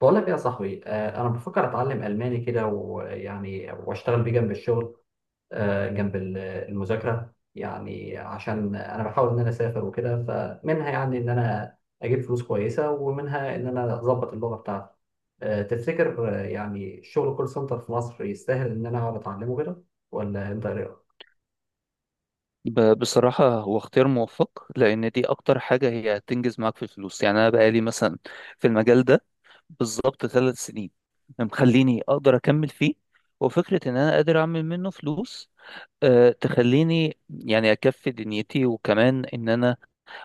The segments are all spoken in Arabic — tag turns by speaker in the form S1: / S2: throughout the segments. S1: بقول لك إيه يا صاحبي انا بفكر اتعلم الماني كده، ويعني واشتغل بيه جنب الشغل. جنب المذاكره يعني، عشان انا بحاول ان انا اسافر وكده. فمنها يعني ان انا اجيب فلوس كويسه، ومنها ان انا اظبط اللغه بتاعتي. تفتكر، يعني الشغل كول سنتر في مصر يستاهل ان انا اقعد اتعلمه كده ولا انت إيه؟
S2: بصراحة هو اختيار موفق لأن دي أكتر حاجة هي هتنجز معاك في الفلوس. يعني أنا بقالي مثلا في المجال ده بالظبط 3 سنين مخليني أقدر أكمل فيه، وفكرة إن أنا قادر أعمل منه فلوس أه تخليني يعني أكفي دنيتي، وكمان إن أنا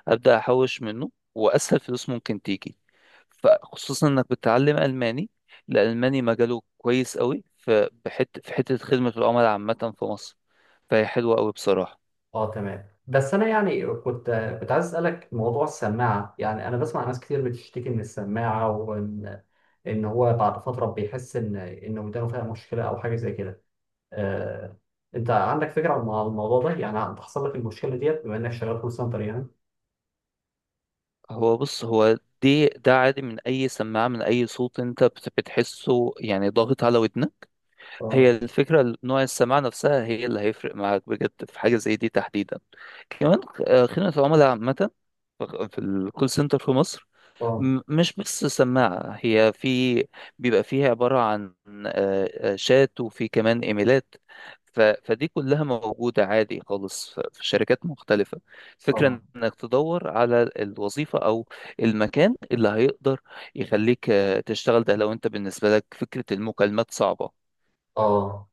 S2: أبدأ أحوش منه وأسهل فلوس ممكن تيجي. فخصوصا إنك بتتعلم ألماني، الألماني مجاله كويس قوي في في حتة خدمة العملاء عامة في مصر، فهي حلوة قوي بصراحة.
S1: اه، تمام. بس انا يعني كنت عايز اسالك موضوع السماعه. يعني انا بسمع ناس كتير بتشتكي من السماعه، وان ان هو بعد فتره بيحس ان ودانه فيها مشكله او حاجه زي كده. آه، انت عندك فكره عن الموضوع ده؟ يعني بتحصل لك المشكله ديت بما انك شغال كول سنتر يعني؟
S2: هو بص، هو دي ده عادي من اي سماعه، من اي صوت انت بتحسه يعني ضاغط على ودنك.
S1: اه،
S2: هي الفكره نوع السماعه نفسها هي اللي هيفرق معاك بجد في حاجه زي دي تحديدا. كمان خدمه العملاء عامه، في الكول سنتر في مصر.
S1: اه،
S2: مش بس سماعة، هي في بيبقى فيها عبارة عن شات وفي كمان إيميلات. فدي كلها موجودة عادي خالص في شركات مختلفة.
S1: اه،
S2: فكرة إنك تدور على الوظيفة أو المكان اللي هيقدر يخليك تشتغل، ده لو أنت بالنسبة لك فكرة المكالمات صعبة.
S1: اه.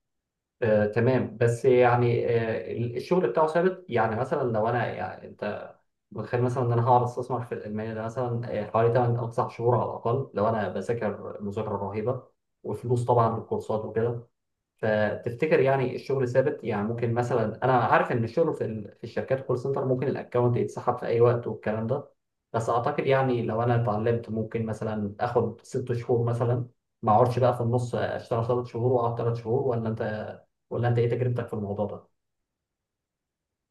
S1: تمام، بس يعني، الشغل بتاعه ثابت؟ يعني مثلا لو انا يعني، انت متخيل مثلا ان انا هقعد استثمر في الالماني ده مثلا حوالي 8 او 9 شهور على الاقل، لو انا بذاكر مذاكره رهيبه وفلوس طبعا للكورسات وكده. فتفتكر يعني الشغل ثابت؟ يعني ممكن مثلا، انا عارف ان الشغل في في الشركات كول سنتر ممكن الاكونت يتسحب في اي وقت والكلام ده، بس اعتقد يعني لو انا اتعلمت ممكن مثلا اخد ست شهور مثلا، ما اقعدش بقى في النص، اشتغل ثلاث شهور واقعد ثلاث شهور. ولا انت، ولا انت ايه تجربتك في الموضوع ده؟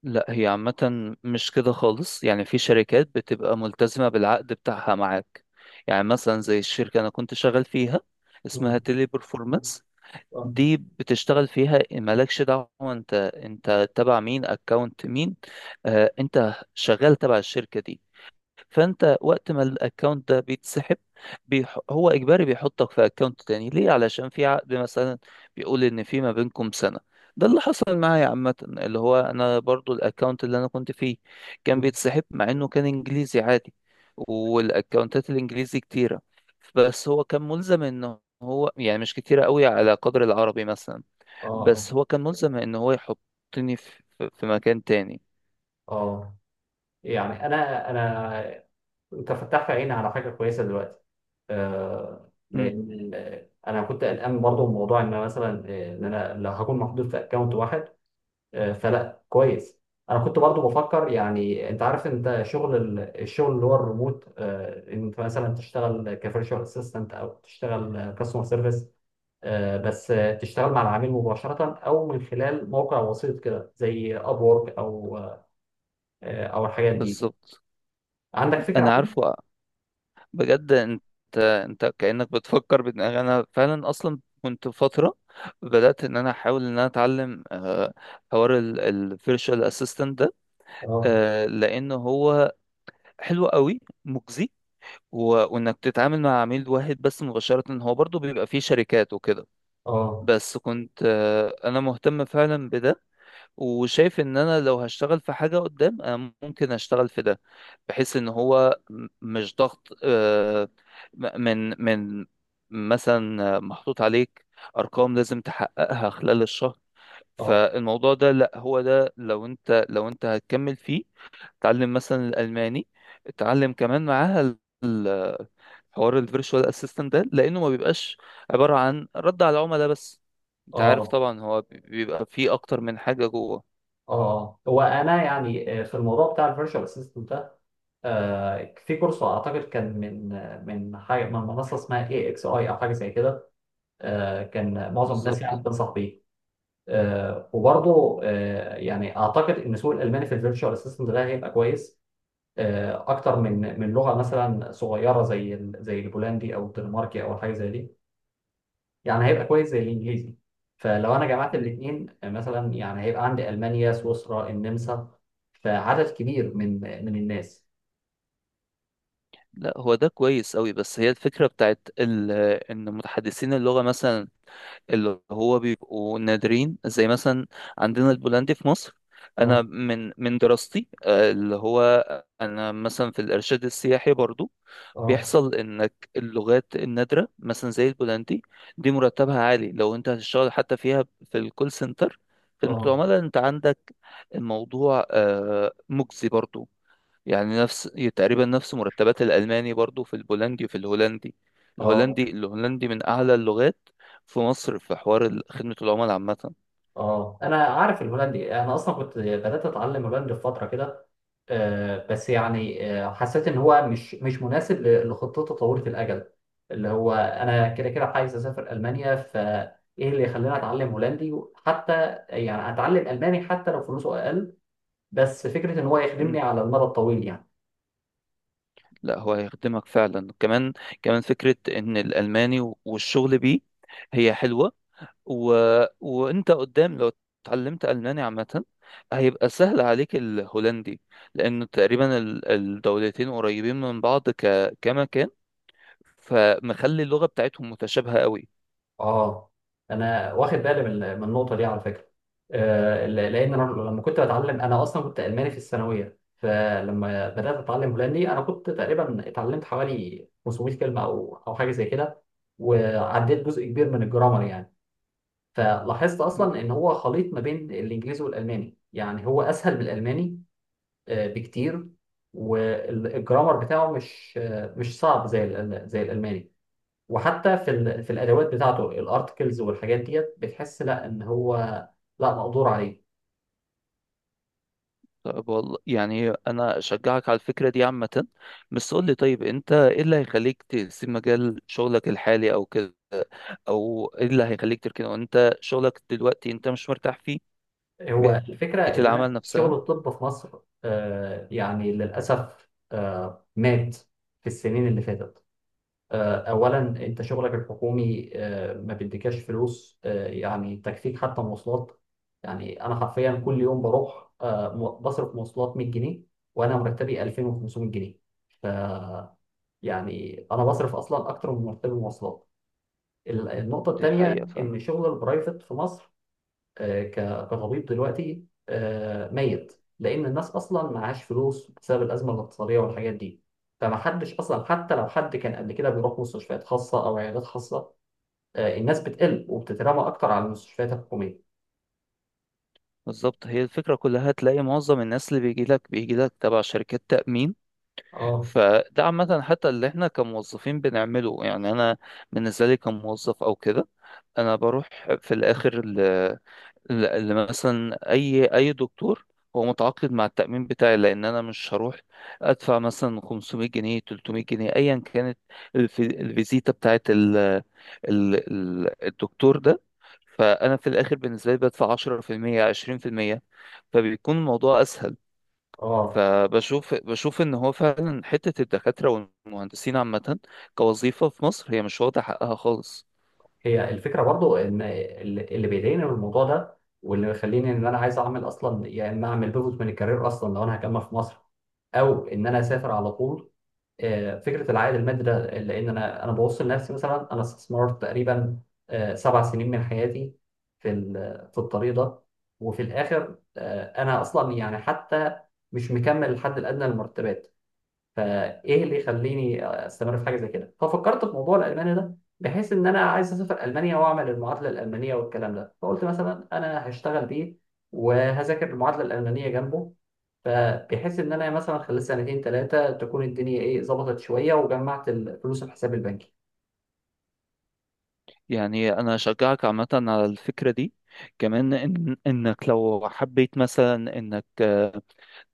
S2: لا، هي عامة مش كده خالص، يعني في شركات بتبقى ملتزمة بالعقد بتاعها معاك. يعني مثلا زي الشركة أنا كنت شغال فيها، اسمها
S1: مم.
S2: تيلي برفورمانس،
S1: آه.
S2: دي بتشتغل فيها مالكش دعوة انت تبع مين، اكونت مين. آه، انت شغال تبع الشركة دي، فانت وقت ما الاكونت ده بيتسحب هو اجباري بيحطك في اكونت تاني، ليه؟ علشان في عقد مثلا بيقول ان في ما بينكم سنة. ده اللي حصل معايا عامة، اللي هو انا برضو الاكونت اللي انا كنت فيه كان
S1: مم.
S2: بيتسحب مع انه كان انجليزي عادي. والاكونتات الانجليزي كتيرة، بس هو كان ملزم ان هو يعني مش كتيرة قوي على قدر العربي مثلا.
S1: اه، اه،
S2: بس هو كان ملزم ان هو يحطني في، في مكان تاني.
S1: اه. يعني انا، انت فتحت عيني على حاجه كويسه دلوقتي.
S2: مم،
S1: لان انا كنت قلقان برضه من موضوع ان أنا مثلا ان انا لو هكون محدود في اكونت واحد. فلا، كويس. انا كنت برضه بفكر يعني، انت عارف انت شغل الشغل اللي هو الريموت، ان انت مثلا تشتغل كفيرتشوال اسيستنت او تشتغل كاستمر سيرفيس. بس تشتغل مع العميل مباشرة او من خلال موقع وسيط كده زي ابورك او او الحاجات دي.
S2: بالظبط.
S1: عندك فكرة
S2: انا
S1: عن،
S2: عارفه. بجد انت، انت كأنك بتفكر بدماغي، انا فعلا اصلا كنت فترة بدأت ان انا احاول ان انا اتعلم حوار الفيرشوال اسيستنت ده.
S1: اه،
S2: لان هو حلو قوي، مجزي، وانك تتعامل مع عميل واحد بس مباشرة، هو برضو بيبقى فيه شركات وكده.
S1: اه،
S2: بس كنت انا مهتم فعلا بده، وشايف ان انا لو هشتغل في حاجة قدام انا ممكن اشتغل في ده، بحيث ان هو مش ضغط، من مثلا محطوط عليك ارقام لازم تحققها خلال الشهر.
S1: اه،
S2: فالموضوع ده لا، هو ده لو انت هتكمل فيه، اتعلم مثلا الالماني، اتعلم كمان معاها ال- حوار الفيرتشوال اسيستنت ده، لانه ما بيبقاش عبارة عن رد على العملاء بس، انت عارف
S1: اه،
S2: طبعا هو بيبقى فيه اكتر من حاجة جوه.
S1: اه. هو انا يعني في الموضوع بتاع الفيرتشوال اسيستنت ده، في كورس اعتقد كان من من حاجه من منصه اسمها اي اكس اي او حاجه زي كده. كان معظم الناس يعني
S2: بالظبط.
S1: بتنصح بيه. وبرضه يعني اعتقد ان سوق الالماني في الفيرتشوال اسيستنت ده هيبقى كويس. اكتر من لغه مثلا صغيره زي زي البولندي او الدنماركي او حاجه زي دي. يعني هيبقى كويس زي الانجليزي. فلو انا جمعت الاثنين مثلا يعني هيبقى عندي المانيا، سويسرا، النمسا. فعدد كبير من الناس.
S2: لا، هو ده كويس قوي، بس هي الفكرة بتاعت ال... ان متحدثين اللغة مثلا اللي هو بيبقوا نادرين، زي مثلا عندنا البولندي في مصر.
S1: اه،
S2: انا من دراستي، اللي هو انا مثلا في الارشاد السياحي برضو،
S1: اه،
S2: بيحصل انك اللغات النادرة مثلا زي البولندي دي مرتبها عالي، لو انت هتشتغل حتى فيها في الكول سنتر، خدمة
S1: اه،
S2: العملاء انت عندك الموضوع مجزي برضو، يعني نفس، تقريبا نفس مرتبات الألماني برضو في البولندي وفي الهولندي.
S1: اه،
S2: الهولندي، الهولندي من أعلى اللغات في مصر في حوار خدمة العملاء عامة.
S1: اه. انا عارف الهولندي، انا اصلا كنت بدات اتعلم هولندي في فتره كده. بس يعني حسيت ان هو مش مناسب لخطته طويله الاجل، اللي هو انا كده كده عايز اسافر المانيا. فايه اللي يخليني اتعلم هولندي حتى؟ يعني اتعلم الماني حتى لو فلوسه اقل، بس فكرة إن هو
S2: مم.
S1: يخدمني على المدى الطويل يعني.
S2: لا، هو هيخدمك فعلا. كمان، كمان فكرة إن الألماني والشغل بيه هي حلوة، و... وأنت قدام لو اتعلمت ألماني عامة هيبقى سهل عليك الهولندي، لأن تقريبا الدولتين قريبين من بعض كمكان، فمخلي اللغة بتاعتهم متشابهة قوي.
S1: آه أنا واخد بالي من النقطة دي على فكرة. لأن أنا لما كنت بتعلم، أنا أصلا كنت ألماني في الثانوية، فلما بدأت أتعلم هولندي أنا كنت تقريبا اتعلمت حوالي 500 كلمة أو حاجة زي كده، وعديت جزء كبير من الجرامر يعني. فلاحظت أصلا إن هو خليط ما بين الإنجليزي والألماني، يعني هو أسهل من الألماني بكتير. والجرامر بتاعه مش مش صعب زي زي الألماني. وحتى في في الادوات بتاعته الارتكلز والحاجات ديت بتحس لا ان هو، لا، مقدور عليه.
S2: طيب، والله يعني انا اشجعك على الفكره دي عامه، بس قول لي طيب، انت ايه اللي هيخليك تسيب مجال شغلك الحالي او كده، او ايه اللي هيخليك تركنه وانت شغلك دلوقتي انت مش مرتاح فيه؟
S1: هو
S2: بيئه
S1: الفكره ان
S2: العمل
S1: انا شغل
S2: نفسها.
S1: الطب في مصر يعني للاسف مات في السنين اللي فاتت. اولا، انت شغلك الحكومي ما بيديكاش فلوس، يعني تكفيك حتى مواصلات. يعني انا حرفيا كل
S2: مم.
S1: يوم بروح بصرف مواصلات 100 جنيه، وانا مرتبي 2500 جنيه. يعني انا بصرف اصلا اكتر من مرتبي مواصلات. النقطة
S2: دي
S1: التانية،
S2: حقيقه فعلا.
S1: إن شغل البرايفت في مصر كطبيب دلوقتي ميت، لأن الناس أصلا معهاش فلوس بسبب الأزمة الاقتصادية والحاجات دي. فمحدش أصلا، حتى لو حد كان قبل كده بيروح مستشفيات خاصة أو عيادات خاصة، الناس بتقل وبتترمى أكتر على المستشفيات الحكومية.
S2: بالظبط، هي الفكره كلها تلاقي معظم الناس اللي بيجي لك تبع شركات تامين.
S1: اه،
S2: فده عامه حتى اللي احنا كموظفين بنعمله، يعني انا بالنسبه لي كموظف او كده، انا بروح في الاخر اللي مثلا اي دكتور هو متعاقد مع التأمين بتاعي، لان انا مش هروح ادفع مثلا 500 جنيه 300 جنيه ايا كانت الف- الفيزيتا بتاعت ال الدكتور ده. فانا في الاخر بالنسبة لي بدفع 10% 20%، فبيكون الموضوع اسهل.
S1: اه.
S2: فبشوف ان هو فعلا حتة الدكاترة والمهندسين عامة كوظيفة في مصر هي مش واخدة حقها خالص.
S1: هي الفكرة برضو إن اللي بيضايقني من الموضوع ده، واللي مخليني إن أنا عايز أعمل أصلا يا إما أعمل بيفوت من الكارير أصلا لو أنا هكمل في مصر، او ان انا اسافر على طول. فكره العائد المادي ده، لان انا ببص لنفسي. مثلا انا استثمرت تقريبا سبع سنين من حياتي في في الطريق ده، وفي الاخر انا اصلا يعني حتى مش مكمل الحد الادنى للمرتبات. فايه اللي يخليني استمر في حاجه زي كده؟ ففكرت في موضوع الالماني ده، بحيث ان انا عايز اسافر المانيا واعمل المعادله الالمانيه والكلام ده، فقلت مثلا انا هشتغل بيه وهذاكر المعادله الالمانيه جنبه، فبحيث ان انا مثلا خلال سنتين ثلاثه تكون الدنيا ايه، ظبطت شويه وجمعت الفلوس في حساب البنكي.
S2: يعني انا اشجعك عامه على الفكره دي. كمان إن انك لو حبيت مثلا انك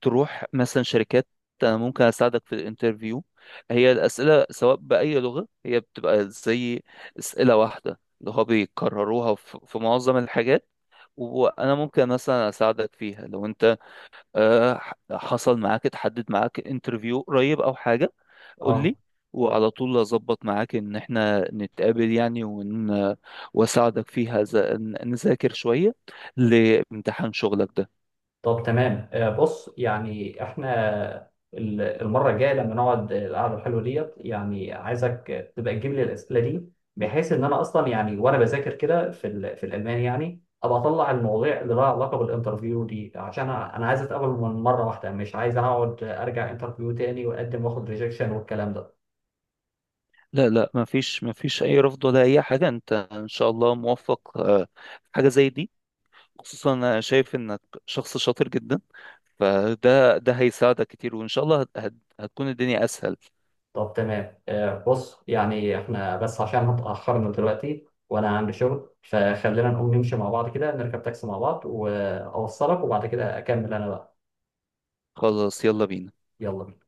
S2: تروح مثلا شركات، انا ممكن اساعدك في الانترفيو. هي الاسئله سواء باي لغه هي بتبقى زي اسئله واحده اللي هو بيكرروها في معظم الحاجات، وانا ممكن مثلا اساعدك فيها. لو انت حصل معاك، اتحدد معاك انترفيو قريب او حاجة، قول
S1: اه.
S2: لي وعلى طول اظبط معاك ان احنا نتقابل، يعني واساعدك فيها، نذاكر شوية لامتحان شغلك ده.
S1: طب، تمام. بص يعني احنا المره الجايه لما نقعد القعده الحلوه ديت، يعني عايزك تبقى تجيب لي الاسئله دي، بحيث ان انا اصلا يعني، وانا بذاكر كده في في الالماني، يعني ابقى اطلع المواضيع اللي لها علاقه بالانترفيو دي، عشان انا عايز اتقابل من مره واحده، مش عايز اقعد ارجع انترفيو تاني واقدم واخد ريجكشن والكلام ده.
S2: لا لا، ما فيش اي رفض ولا اي حاجة، انت ان شاء الله موفق في حاجة زي دي. خصوصا انا شايف انك شخص شاطر جدا، فده، ده هيساعدك كتير، وان شاء الله هتكون الدنيا اسهل.
S1: طب، تمام. بص يعني احنا، بس عشان اتأخرنا دلوقتي وانا عندي شغل، فخلينا نقوم نمشي مع بعض كده، نركب تاكسي مع بعض واوصلك، وبعد كده اكمل انا بقى.
S2: خلاص، يلا بينا.
S1: يلا بينا.